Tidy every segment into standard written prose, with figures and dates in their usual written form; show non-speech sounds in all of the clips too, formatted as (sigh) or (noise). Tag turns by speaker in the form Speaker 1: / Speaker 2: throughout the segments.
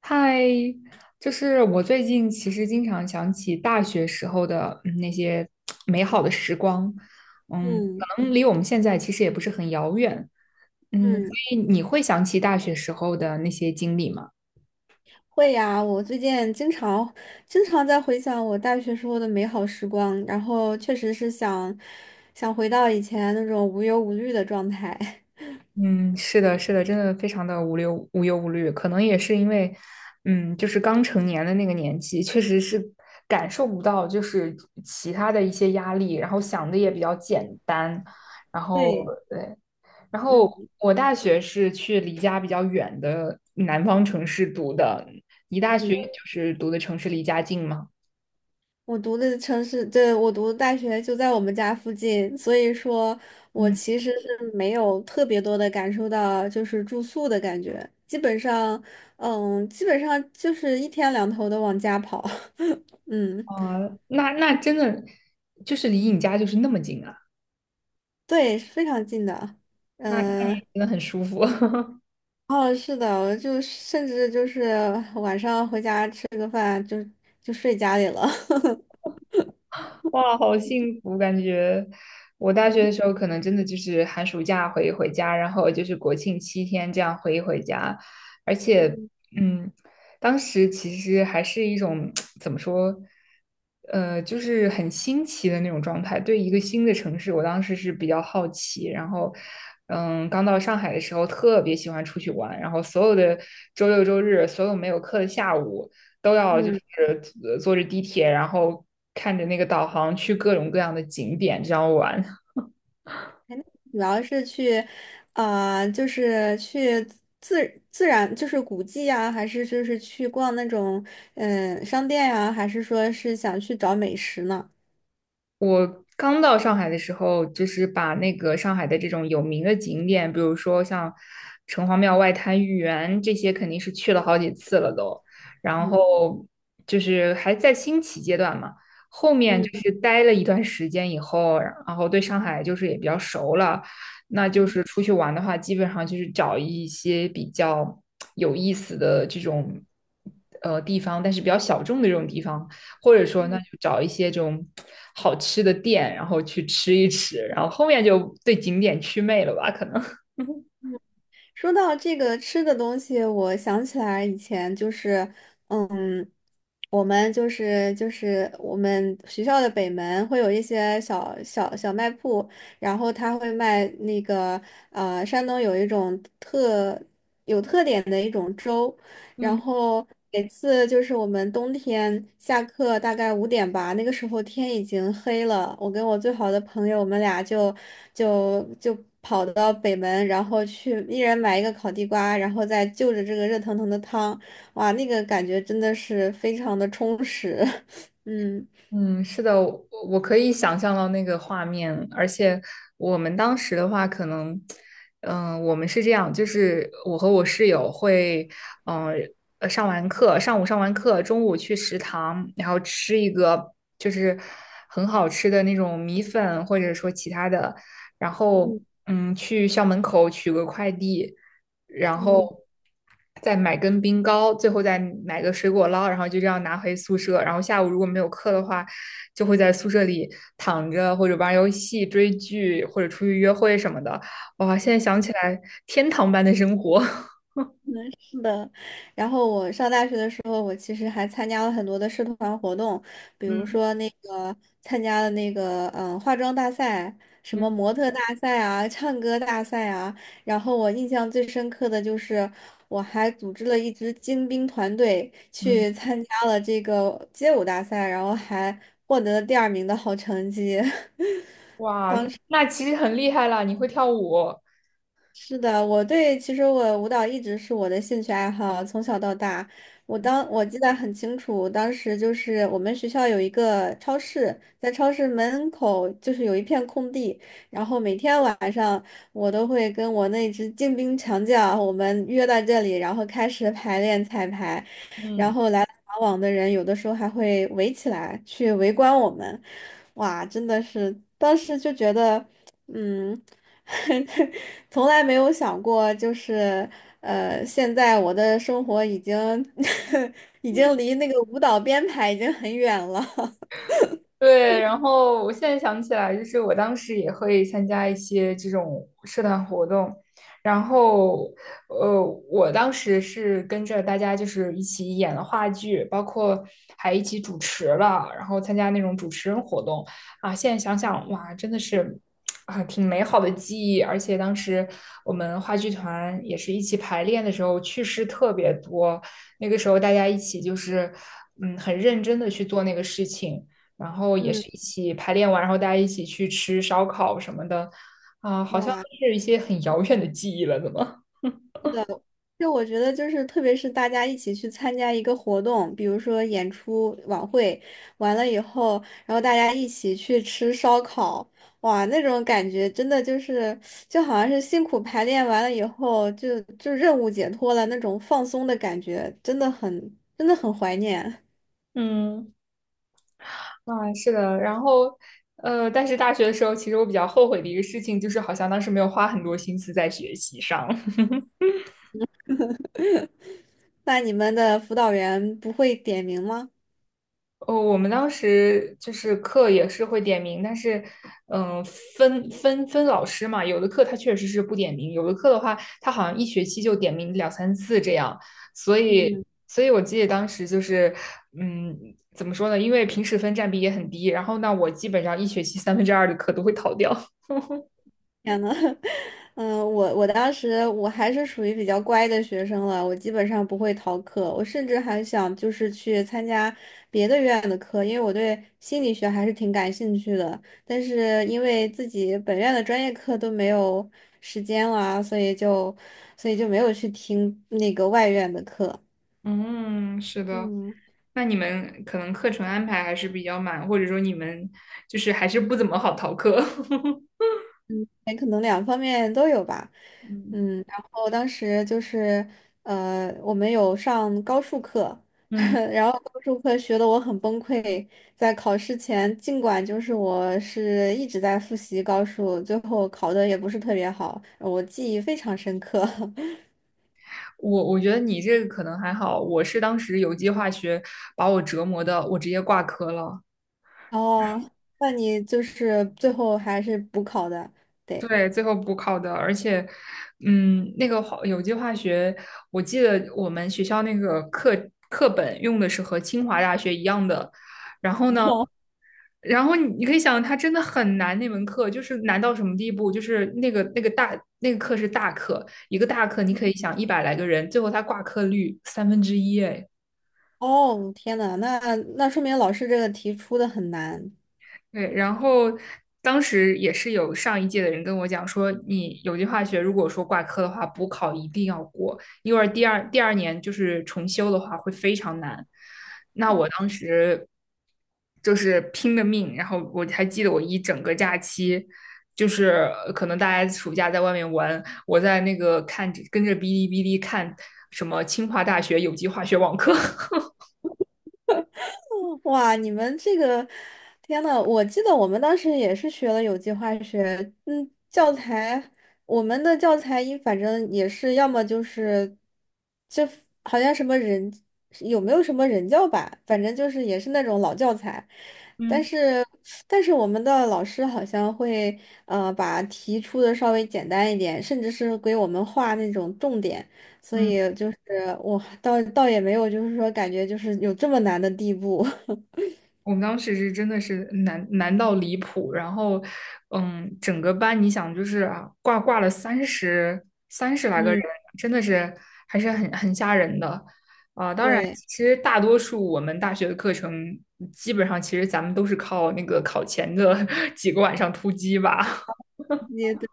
Speaker 1: 嗨，就是我最近其实经常想起大学时候的那些美好的时光。嗯，
Speaker 2: 嗯
Speaker 1: 可能离我们现在其实也不是很遥远。嗯，所
Speaker 2: 嗯，
Speaker 1: 以你会想起大学时候的那些经历吗？
Speaker 2: 会呀。我最近经常在回想我大学时候的美好时光，然后确实是想回到以前那种无忧无虑的状态。
Speaker 1: 嗯，是的，是的，真的非常的无忧无虑，可能也是因为，嗯，就是刚成年的那个年纪，确实是感受不到就是其他的一些压力，然后想的也比较简单。然
Speaker 2: (laughs)
Speaker 1: 后
Speaker 2: 对，
Speaker 1: 然后
Speaker 2: 嗯
Speaker 1: 我大学是去离家比较远的南方城市读的，你大学
Speaker 2: 嗯，
Speaker 1: 就是读的城市离家近吗？
Speaker 2: 我读的城市，对，我读的大学就在我们家附近，所以说我
Speaker 1: 嗯，
Speaker 2: 其实是没有特别多的感受到就是住宿的感觉，基本上，基本上就是一天两头的往家跑，(laughs) 嗯。
Speaker 1: 啊、那真的就是离你家就是那么近啊，
Speaker 2: 对，是非常近的。
Speaker 1: 那你
Speaker 2: 嗯、
Speaker 1: 真的很舒服。(laughs)
Speaker 2: 哦，是的，我就甚至就是晚上回家吃个饭就睡家里了。(laughs)
Speaker 1: 哇，好幸福！感觉我大学的时候，可能真的就是寒暑假回一回家，然后就是国庆七天这样回一回家。而且，
Speaker 2: 嗯
Speaker 1: 嗯，当时其实还是一种 (tsk) 怎么说，就是很新奇的那种状态。对一个新的城市，我当时是比较好奇。然后，嗯，刚到上海的时候，特别喜欢出去玩，然后所有的周六周日，所有没有课的下午，都要就
Speaker 2: 嗯，
Speaker 1: 是坐着地铁，然后看着那个导航去各种各样的景点这样玩。
Speaker 2: 哎那主要是去，啊、就是去自然就是古迹呀、还是就是去逛那种商店呀、还是说是想去找美食呢？
Speaker 1: 我刚到上海的时候，就是把那个上海的这种有名的景点，比如说像城隍庙、外滩、豫园这些，肯定是去了好几次了都。然
Speaker 2: 嗯
Speaker 1: 后就是还在兴起阶段嘛，后面
Speaker 2: 嗯
Speaker 1: 就是待了一段时间以后，然后对上海就是也比较熟了，那就
Speaker 2: 嗯
Speaker 1: 是出去玩的话，基本上就是找一些比较有意思的这种地方，但是比较小众的这种地方。或者说那
Speaker 2: 嗯。
Speaker 1: 就找一些这种好吃的店，然后去吃一吃，然后后面就对景点祛魅了吧？可能。(laughs)
Speaker 2: 说到这个吃的东西，我想起来以前就是，嗯，我们就是我们学校的北门会有一些小卖铺，然后他会卖那个山东有一种有特点的一种粥，然
Speaker 1: 嗯。
Speaker 2: 后每次就是我们冬天下课大概5点吧，那个时候天已经黑了。我跟我最好的朋友，我们俩就跑到北门，然后去一人买一个烤地瓜，然后再就着这个热腾腾的汤，哇，那个感觉真的是非常的充实。(laughs) 嗯。
Speaker 1: 嗯，是的，我可以想象到那个画面，而且我们当时的话，可能，我们是这样，就是我和我室友会，嗯、上完课，上午上完课，中午去食堂，然后吃一个就是很好吃的那种米粉，或者说其他的，然后去校门口取个快递，然后
Speaker 2: 嗯。
Speaker 1: 再买根冰糕，最后再买个水果捞，然后就这样拿回宿舍。然后下午如果没有课的话，就会在宿舍里躺着或者玩游戏、追剧或者出去约会什么的。哇，现在想起来，天堂般的生活。(laughs)
Speaker 2: 是的，然后我上大学的时候，我其实还参加了很多的社团活动，比如
Speaker 1: 嗯
Speaker 2: 说那个参加了那个化妆大赛，什么
Speaker 1: 嗯
Speaker 2: 模特大赛啊，唱歌大赛啊。然后我印象最深刻的就是，我还组织了一支精兵团队
Speaker 1: 嗯，
Speaker 2: 去参加了这个街舞大赛，然后还获得了第二名的好成绩。(laughs)
Speaker 1: 哇，那其实很厉害了，你会跳舞。
Speaker 2: 是的，我对，其实我舞蹈一直是我的兴趣爱好，从小到大，我记得很清楚，当时就是我们学校有一个超市，在超市门口就是有一片空地，然后每天晚上我都会跟我那只精兵强将，我们约到这里，然后开始排练彩排，然
Speaker 1: 嗯。
Speaker 2: 后来来往往的人有的时候还会围起来去围观我们，哇，真的是，当时就觉得。嗯。(laughs) 从来没有想过，就是现在我的生活已经 (laughs) 已经离那个舞蹈编排已经很远了。
Speaker 1: 对，然后我现在想起来，就是我当时也会参加一些这种社团活动，然后，呃，我当时是跟着大家就是一起演了话剧，包括还一起主持了，然后参加那种主持人活动啊。现在想想，哇，真的是啊，挺美好的记忆。而且当时我们话剧团也是一起排练的时候，趣事特别多。那个时候大家一起就是，嗯，很认真的去做那个事情。然后也
Speaker 2: 嗯，
Speaker 1: 是一起排练完，然后大家一起去吃烧烤什么的，啊，好像都
Speaker 2: 哇，
Speaker 1: 是一些很遥远的记忆了，怎么？
Speaker 2: 的。就我觉得，就是特别是大家一起去参加一个活动，比如说演出、晚会，完了以后，然后大家一起去吃烧烤，哇，那种感觉真的就是，就好像是辛苦排练完了以后，就任务解脱了那种放松的感觉，真的很，真的很怀念。
Speaker 1: (laughs) 嗯，啊，是的，然后，但是大学的时候，其实我比较后悔的一个事情，就是好像当时没有花很多心思在学习上。
Speaker 2: (laughs) 那你们的辅导员不会点名吗？
Speaker 1: 哦，我们当时就是课也是会点名，但是，嗯、分老师嘛，有的课他确实是不点名，有的课的话，他好像一学期就点名两三次这样，所
Speaker 2: 嗯，
Speaker 1: 以，所以我记得当时就是，嗯，怎么说呢？因为平时分占比也很低，然后呢，我基本上一学期三分之二的课都会逃掉。
Speaker 2: 天呐，(laughs) 嗯，我当时我还是属于比较乖的学生了，我基本上不会逃课，我甚至还想就是去参加别的院的课，因为我对心理学还是挺感兴趣的，但是因为自己本院的专业课都没有时间了啊所以就没有去听那个外院的课。
Speaker 1: (laughs) 嗯，是的。
Speaker 2: 嗯。
Speaker 1: 那你们可能课程安排还是比较满，或者说你们就是还是不怎么好逃课。
Speaker 2: 哎，可能两方面都有吧。
Speaker 1: (laughs) 嗯。
Speaker 2: 嗯，然后当时就是，我们有上高数课，
Speaker 1: 嗯。
Speaker 2: (laughs) 然后高数课学的我很崩溃，在考试前，尽管就是我是一直在复习高数，最后考的也不是特别好，我记忆非常深刻。(laughs)
Speaker 1: 我觉得你这个可能还好，我是当时有机化学把我折磨的，我直接挂科了。
Speaker 2: 哦，那你就是最后还是补考的，对。
Speaker 1: 对，最后补考的，而且，嗯，那个有机化学，我记得我们学校那个课本用的是和清华大学一样的，然后你可以想，它真的很难，那门课就是难到什么地步，就是那个大课是大课，一个大课你可以想一百来个人，最后它挂科率三分之一，哎。
Speaker 2: 哦，天呐，那说明老师这个题出的很难。
Speaker 1: 对，然后当时也是有上一届的人跟我讲说，你有机化学如果说挂科的话，补考一定要过，因为第二年就是重修的话会非常难。那我当时就是拼了命，然后我还记得我一整个假期，就是可能大家暑假在外面玩，我在那个看着跟着哔哩哔哩看什么清华大学有机化学网课。(laughs)
Speaker 2: (laughs) 哇，你们这个，天呐，我记得我们当时也是学了有机化学，嗯，教材，我们的教材反正也是要么就是，就好像什么人有没有什么人教版，反正就是也是那种老教材，但
Speaker 1: 嗯
Speaker 2: 是但是我们的老师好像会把题出的稍微简单一点，甚至是给我们画那种重点。所
Speaker 1: 嗯。
Speaker 2: 以就是我倒也没有，就是说感觉就是有这么难的地步。(laughs)
Speaker 1: 我们当时是真的是难到离谱，然后，嗯，整个班你想就是啊，挂了三十来个人，
Speaker 2: 嗯，
Speaker 1: 真的是还是很吓人的啊。当然，
Speaker 2: 对，
Speaker 1: 其实大多数我们大学的课程，基本上其实咱们都是靠那个考前的 (laughs) 几个晚上突击吧。
Speaker 2: 也对，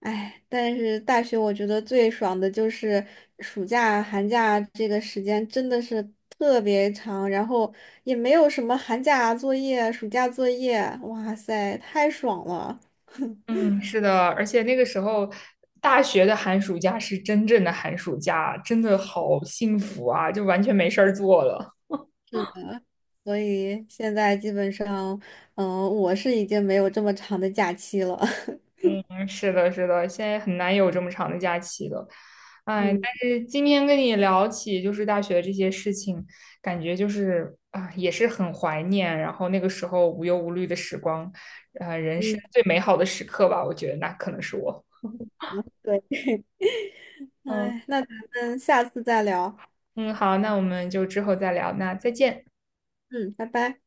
Speaker 2: 哎，但是大学我觉得最爽的就是暑假、寒假这个时间真的是特别长，然后也没有什么寒假作业、暑假作业，哇塞，太爽了。
Speaker 1: 嗯，是的，而且那个时候大学的寒暑假是真正的寒暑假，真的好幸福啊，就完全没事儿做了。
Speaker 2: 是的，所以现在基本上，我是已经没有这么长的假期了。(laughs)
Speaker 1: 是的，是的，现在很难有这么长的假期了。哎，
Speaker 2: 嗯
Speaker 1: 但是今天跟你聊起就是大学这些事情，感觉就是啊、也是很怀念，然后那个时候无忧无虑的时光，人生
Speaker 2: 嗯，
Speaker 1: 最美好的时刻吧，我觉得那可能是我。
Speaker 2: 对。
Speaker 1: 嗯
Speaker 2: 哎，那咱们下次再聊。
Speaker 1: 嗯，好，那我们就之后再聊，那再见。
Speaker 2: 嗯，拜拜。